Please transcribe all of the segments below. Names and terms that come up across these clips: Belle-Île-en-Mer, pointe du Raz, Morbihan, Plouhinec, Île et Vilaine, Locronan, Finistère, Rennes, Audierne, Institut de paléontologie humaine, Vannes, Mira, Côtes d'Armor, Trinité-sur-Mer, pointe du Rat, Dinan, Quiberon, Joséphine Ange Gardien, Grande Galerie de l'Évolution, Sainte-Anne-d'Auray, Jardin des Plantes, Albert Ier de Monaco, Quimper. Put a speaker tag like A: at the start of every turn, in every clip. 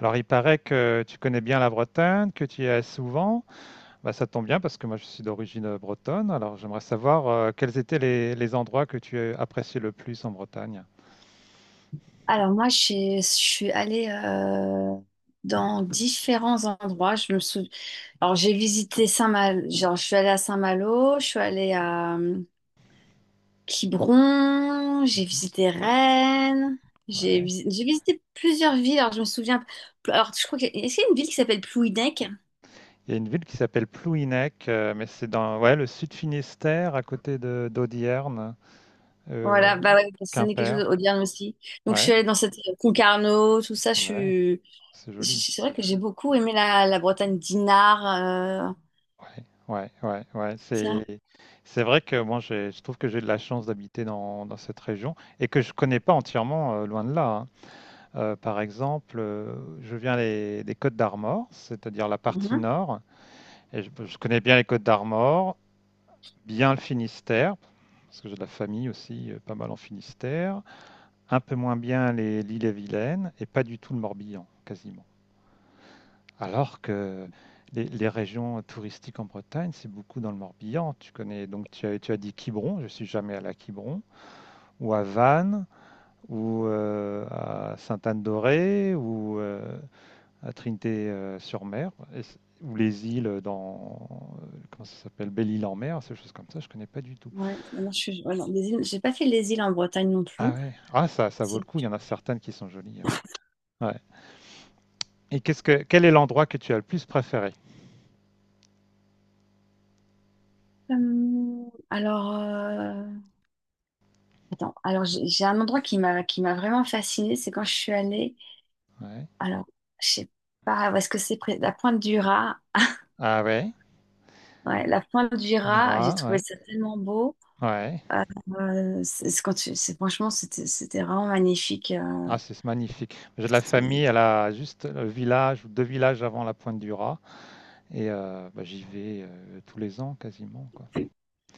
A: Alors, il paraît que tu connais bien la Bretagne, que tu y es souvent. Bah, ça tombe bien parce que moi, je suis d'origine bretonne. Alors, j'aimerais savoir quels étaient les endroits que tu appréciais le plus en Bretagne.
B: Alors moi, je suis allée dans différents endroits. Je me souviens. Alors j'ai visité Saint-Malo. Genre, je suis allée à Saint-Malo, je suis allée à Quiberon, j'ai
A: Mhm.
B: visité Rennes,
A: Ouais.
B: j'ai visité plusieurs villes. Alors je me souviens. Alors je crois que est-ce qu'il y a une ville qui s'appelle Plouhinec?
A: Il y a une ville qui s'appelle Plouhinec, mais c'est dans ouais, le sud Finistère, à côté de d'Audierne, euh,
B: Voilà, bah ouais, ça n'est quelque
A: Quimper.
B: chose au Auvergne aussi. Donc je
A: Ouais,
B: suis allée dans cette Concarneau, tout ça. Je
A: ouais,
B: suis.
A: c'est joli.
B: C'est vrai que j'ai beaucoup aimé la Bretagne d'Inard. euh,
A: Ouais, ouais, ouais, ouais.
B: Ça.
A: C'est vrai que moi, je trouve que j'ai de la chance d'habiter dans cette région et que je connais pas entièrement, loin de là, hein. Par exemple, je viens des Côtes d'Armor, c'est-à-dire la partie
B: Mmh.
A: nord, et je connais bien les Côtes d'Armor, bien le Finistère, parce que j'ai de la famille aussi, pas mal en Finistère, un peu moins bien les l'île et Vilaine, et pas du tout le Morbihan, quasiment. Alors que les régions touristiques en Bretagne, c'est beaucoup dans le Morbihan. Tu connais, donc tu as dit Quiberon, je suis jamais allé à Quiberon, ou à Vannes, ou à Sainte-Anne-d'Auray, ou à Trinité-sur-Mer, ou les îles dans. Comment ça s'appelle Belle-Île-en-Mer, ces choses comme ça, je ne connais pas du tout.
B: Ouais, non, j'ai pas fait les îles en Bretagne non
A: Ah
B: plus.
A: ouais, ah, ça vaut le
B: C'est
A: coup, il y en a certaines qui sont jolies. Ouais. Ouais. Et quel est l'endroit que tu as le plus préféré,
B: comme- alors Attends, alors j'ai un endroit qui m'a vraiment fascinée, c'est quand je suis allée.
A: ouais.
B: Alors, je sais pas, est-ce que c'est près la pointe du Raz?
A: Ah ouais,
B: Ouais, la pointe du Raz, j'ai
A: Mira,
B: trouvé
A: ouais.
B: ça tellement beau.
A: Ouais.
B: C'est quand franchement, c'était vraiment magnifique.
A: Ah, c'est magnifique. J'ai de la famille, elle a juste le village ou deux villages avant la pointe du Rat. Et bah, j'y vais tous les ans quasiment. Quoi.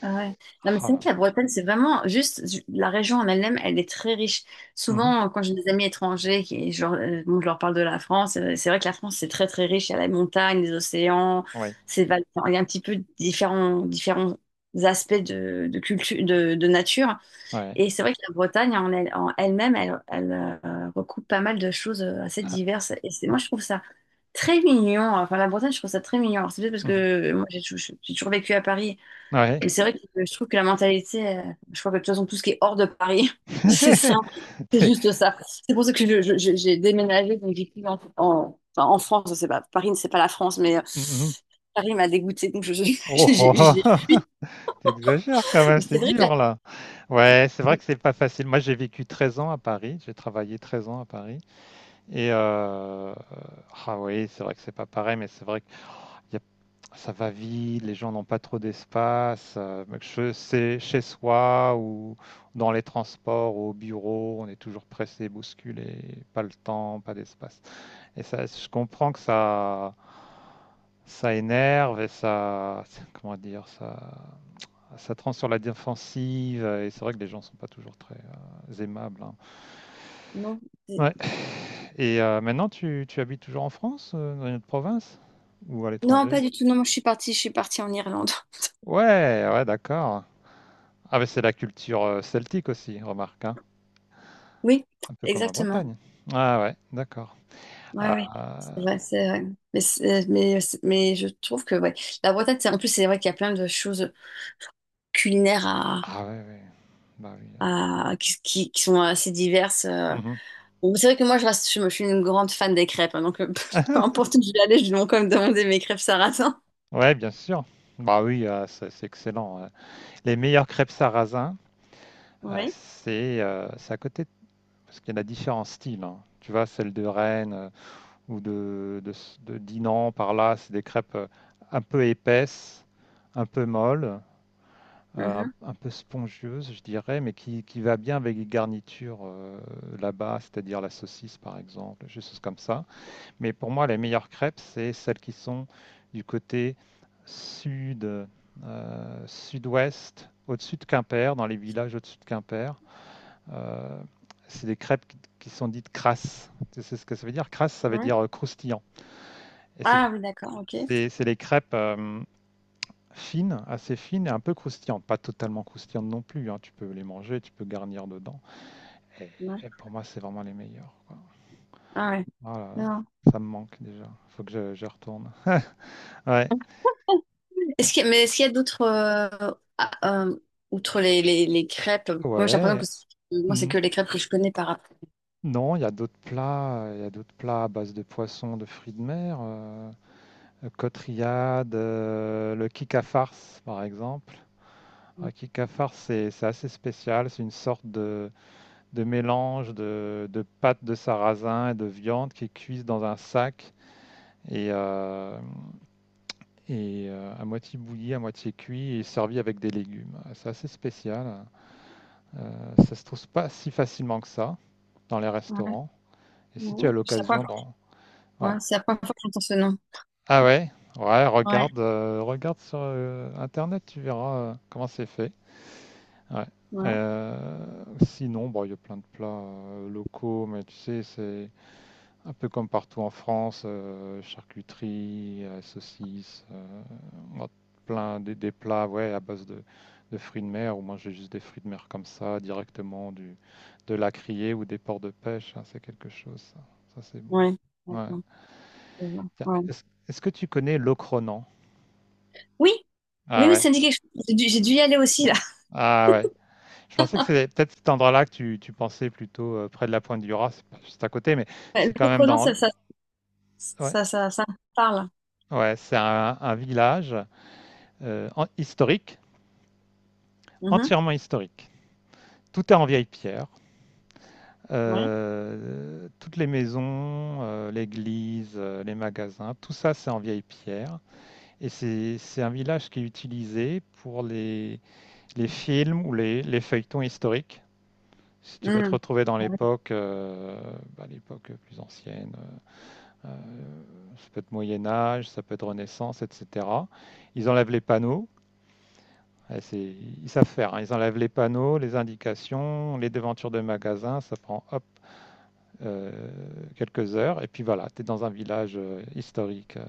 B: Ah ouais. Non, mais
A: Ah
B: c'est vrai
A: là.
B: que la Bretagne, c'est vraiment la région en elle-même, elle est très riche.
A: Mhm.
B: Souvent, quand j'ai des amis étrangers qui, genre, bon, je leur parle de la France, c'est vrai que la France, c'est très très riche. Il y a la montagne, les océans,
A: Ouais.
B: enfin, il y a un petit peu différents, différents aspects de culture, de nature.
A: Ouais.
B: Et c'est vrai que la Bretagne en elle-même, elle recoupe pas mal de choses assez diverses. Et c'est, moi,
A: Ouais.
B: je trouve ça très mignon. Enfin, la Bretagne, je trouve ça très mignon. Alors, c'est peut-être parce
A: Mhm.
B: que moi, j'ai toujours vécu à Paris.
A: Ouais.
B: Et c'est vrai que je trouve que la mentalité, je crois que de toute façon, tout ce qui est hors de Paris, c'est simple, c'est
A: C'est.
B: juste ça. C'est pour ça que j'ai déménagé, donc j'ai plus enfin, en France, c'est pas, Paris, c'est pas la France, mais
A: Mmh.
B: Paris m'a dégoûtée, donc je, j'ai-
A: Oh oh
B: j'ai-
A: oh
B: j'ai-
A: oh! Tu, quand même,
B: mais c'est
A: c'est
B: vrai que
A: dur là. Ouais, c'est vrai que c'est pas facile. Moi, j'ai vécu 13 ans à Paris, j'ai travaillé 13 ans à Paris et ah oui, c'est vrai que c'est pas pareil, mais c'est vrai que y a ça va vite, les gens n'ont pas trop d'espace, que che c'est chez soi ou dans les transports, au bureau, on est toujours pressé, bousculé, pas le temps, pas d'espace. Et ça, je comprends que ça énerve et ça, comment dire, ça te rend sur la défensive. Et c'est vrai que les gens sont pas toujours très aimables, hein.
B: non, c'est-
A: Ouais. Et maintenant, tu habites toujours en France, dans une autre province ou à
B: non,
A: l'étranger?
B: pas du tout, non, moi, je suis partie en Irlande.
A: Ouais, ouais, d'accord. Ah, mais c'est la culture celtique aussi, remarque, hein.
B: Oui,
A: Un peu comme la
B: exactement.
A: Bretagne. Ah ouais, d'accord.
B: Ouais, oui, c'est
A: Ah,
B: vrai, c'est vrai. Mais, c'est- mais, mais je trouve que ouais. La Bretagne, en plus, c'est vrai qu'il y a plein de choses culinaires
A: ah ouais, ouais. Bah oui.
B: qui sont assez diverses.
A: Là.
B: Bon, c'est vrai que moi, je, reste, je, suis une grande fan des crêpes, hein, donc peu
A: Mhm.
B: importe où je vais aller, je vais quand même demander mes crêpes sarrasin.
A: Ouais, bien sûr. Bah oui, c'est excellent. Les meilleures crêpes sarrasin,
B: Oui.
A: c'est à côté, parce qu'il y en a différents styles, hein. Tu vois, celle de Rennes ou de Dinan, par là, c'est des crêpes un peu épaisses, un peu molles,
B: Mhm.
A: un peu spongieuses, je dirais, mais qui va bien avec les garnitures là-bas, c'est-à-dire la saucisse, par exemple, des choses comme ça. Mais pour moi, les meilleures crêpes, c'est celles qui sont du côté sud, sud-ouest, au-dessus de Quimper, dans les villages au-dessus de Quimper. Euh, c'est des crêpes qui sont dites crasses. Tu sais ce que ça veut dire? Crasse, ça veut
B: Oui.
A: dire croustillant. Et
B: Ah oui, d'accord, ok.
A: c'est des crêpes fines, assez fines et un peu croustillantes. Pas totalement croustillantes non plus, hein. Tu peux les manger, tu peux garnir dedans. Et,
B: Ouais.
A: et pour moi, c'est vraiment les meilleures, quoi.
B: Ah ouais.
A: Ah là là,
B: Non.
A: ça me manque déjà. Faut que je retourne. Ouais.
B: Est-ce qu'il y a- Mais est-ce qu'il y a d'autres, ah, euh, outre les crêpes, moi j'ai l'impression que
A: Ouais,
B: moi c'est
A: mmh.
B: que les crêpes que je connais par rapport.
A: Non, il y a d'autres plats à base de poissons, de fruits de mer, côte rillade, le kika farce, par exemple. Le kika farce, c'est assez spécial, c'est une sorte de mélange de pâte de sarrasin et de viande qui est cuite dans un sac et hem et à moitié bouilli, à moitié cuit et servi avec des légumes. Ah, c'est assez spécial, ça se trouve pas si facilement que ça dans les
B: Ouais.
A: restaurants et si tu
B: Ouais.
A: as
B: C'est la première
A: l'occasion d'en
B: fois
A: ouais.
B: Ouais, c'est la première fois que j'entends ce nom.
A: Ah ouais, ouais,
B: Ouais.
A: regarde sur Internet, tu verras comment c'est fait. Ouais.
B: Ouais.
A: Euh, sinon, bon, il y a plein de plats locaux, mais tu sais, c'est un peu comme partout en France, charcuterie, saucisses, on a plein des plats, ouais, à base de fruits de mer, ou moi j'ai juste des fruits de mer comme ça, directement du, de la criée ou des ports de pêche, hein, c'est quelque chose, ça c'est bon.
B: Ouais.
A: Ouais.
B: D'accord. Je vois.
A: Tiens,
B: Ouais.
A: est-ce que tu connais l'ocronan?
B: Oui,
A: Ah
B: oui, oui,
A: ouais.
B: ça me dit quelque chose. J'ai dû y aller aussi, là.
A: Ah ouais. Je pensais que c'était peut-être cet endroit-là que tu pensais plutôt près de la pointe du Raz, c'est pas juste à côté, mais
B: Ouais,
A: c'est quand
B: le
A: même
B: pronom,
A: dans. Ouais,
B: ça me parle.
A: ouais, c'est un village historique,
B: Mhm.
A: entièrement historique. Tout est en vieille pierre.
B: Ouais.
A: Toutes les maisons, l'église, les magasins, tout ça c'est en vieille pierre. Et c'est un village qui est utilisé pour les films ou les feuilletons historiques. Si tu veux te
B: Mhm.
A: retrouver dans
B: Ouais,
A: l'époque, bah, l'époque plus ancienne, Euh, ça peut être Moyen Âge, ça peut être Renaissance, etc. Ils enlèvent les panneaux. Eh, ils savent faire, hein. Ils enlèvent les panneaux, les indications, les devantures de magasins. Ça prend hop, euh, quelques heures. Et puis voilà, tu es dans un village historique.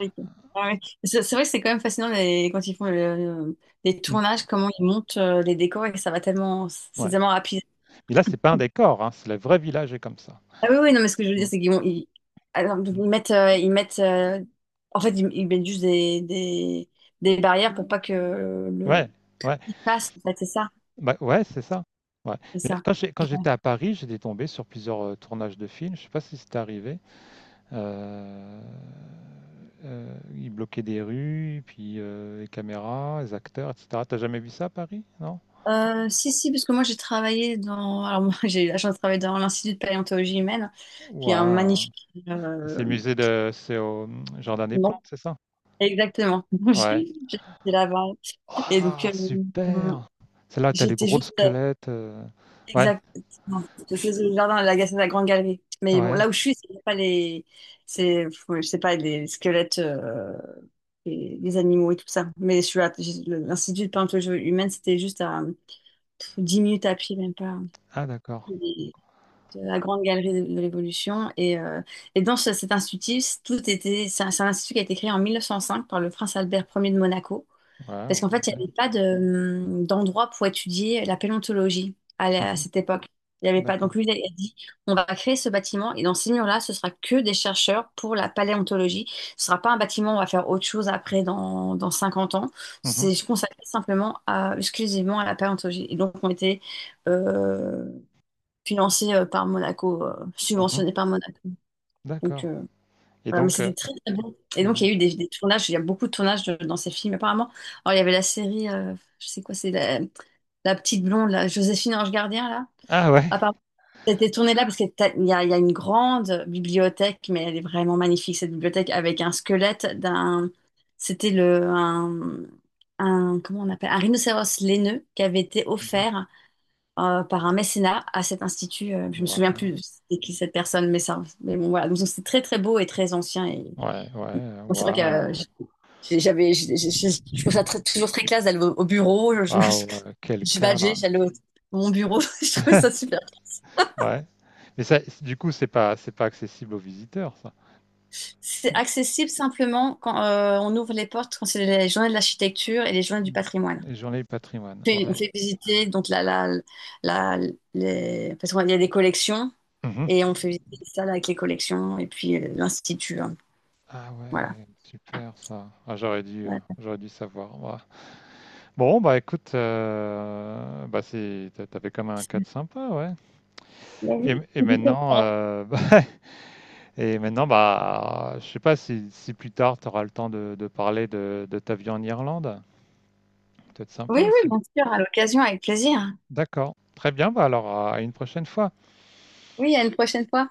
B: ok. Ah ouais. C'est vrai que c'est quand même fascinant quand ils font les
A: Mm.
B: tournages, comment ils montent les décors et que ça va tellement, c'est
A: Ouais.
B: tellement rapide.
A: Mais là, c'est pas un décor, hein. C'est le vrai village est comme ça.
B: Ah oui, oui, non, mais ce que je veux
A: Mm.
B: dire, c'est alors,
A: Mm.
B: ils mettent, en fait, ils mettent juste des barrières pour pas que
A: Ouais, ouais,
B: il passe, en fait,
A: bah, ouais, c'est ça. Ouais.
B: c'est
A: Mais
B: ça.
A: quand quand j'étais à Paris, j'étais tombé sur plusieurs tournages de films. Je sais pas si c'est arrivé. Euh, ils bloquaient des rues, puis les caméras, les acteurs, etc. T'as jamais vu ça à Paris, non?
B: Si, si, parce que moi j'ai travaillé dans. Alors, moi j'ai eu la chance de travailler dans l'Institut de paléontologie humaine, qui est un
A: Waouh!
B: magnifique.
A: C'est
B: euh,
A: le musée c'est au Jardin des Plantes,
B: Non,
A: c'est ça?
B: exactement.
A: Ouais.
B: J'étais là-bas. Et donc,
A: Ah, super! Celle-là, t'as les
B: j'étais
A: gros
B: juste.
A: squelettes. Ouais,
B: Exactement. C'était le jardin de la Grande Galerie. Mais bon,
A: ouais.
B: là où je suis, c'est pas les. C'est, je sais pas, les squelettes, et les animaux et tout ça. Mais je suis à... l'Institut de paléontologie humaine, c'était juste à pff, 10 minutes à pied, même pas.
A: Ah, d'accord.
B: De la Grande Galerie de l'Évolution. Et, cet institut, tout était, c'est un institut qui a été créé en 1905 par le prince Albert Ier de Monaco, parce
A: Waouh,
B: qu'en fait,
A: ok.
B: il n'y avait pas de, d'endroit pour étudier la paléontologie à
A: Mhm.
B: cette époque. Il n'y avait pas.
A: D'accord.
B: Donc lui, il a dit, on va créer ce bâtiment et dans ces murs-là, ce sera que des chercheurs pour la paléontologie. Ce sera pas un bâtiment où on va faire autre chose après dans 50 ans.
A: Mhm.
B: C'est consacré simplement à, exclusivement à la paléontologie. Et donc, on était euh, financé par Monaco,
A: Mhm.
B: subventionné par Monaco. Donc
A: D'accord. Et
B: voilà, mais
A: donc,
B: c'était très très bon. Et donc
A: ouais.
B: il y a eu des tournages, il y a beaucoup de tournages dans ces films apparemment. Alors il y avait la série, je sais quoi, la petite blonde, la Joséphine Ange Gardien là.
A: Ah, ouais.
B: Apparemment, c'était tourné là parce qu'il y a une grande bibliothèque, mais elle est vraiment magnifique cette bibliothèque avec un squelette d'un, c'était le un, comment on appelle, un rhinocéros laineux qui avait été
A: Mhm.
B: offert par un mécénat à cet institut. Je me souviens plus
A: Waouh.
B: de c'était qui cette personne, mais ça, mais bon, voilà. Donc c'est très très beau et très ancien. Et
A: Ouais, ouais.
B: bon, c'est vrai que
A: Waouh.
B: j'ai- j'avais, j'ai- je trouve ça toujours très classe d'aller au bureau.
A: Waouh, quel
B: Je badgeais,
A: cadre.
B: j'allais au mon bureau. Je trouvais ça super.
A: Ouais. Mais ça, du coup, c'est pas accessible aux visiteurs, ça.
B: C'est accessible simplement quand on ouvre les portes, quand c'est les journées de l'architecture et les journées du patrimoine.
A: Les journées du patrimoine.
B: On
A: Ouais.
B: fait visiter donc la- les... parce qu'il y a des collections
A: Mhm.
B: et on fait visiter ça avec les collections et puis l'institut, hein.
A: Ah
B: Voilà.
A: ouais, super ça. Ah,
B: Voilà.
A: j'aurais dû savoir, moi. Bon, bah écoute, t'avais comme un cadre sympa, ouais. Et,
B: Oui,
A: et maintenant, bah, et maintenant, bah, je sais pas si plus tard tu auras le temps de parler de ta vie en Irlande. Peut-être sympa
B: oui,
A: aussi.
B: bien sûr, à l'occasion, avec plaisir.
A: D'accord. Très bien. Bah alors, à une prochaine fois.
B: Oui, à une prochaine fois.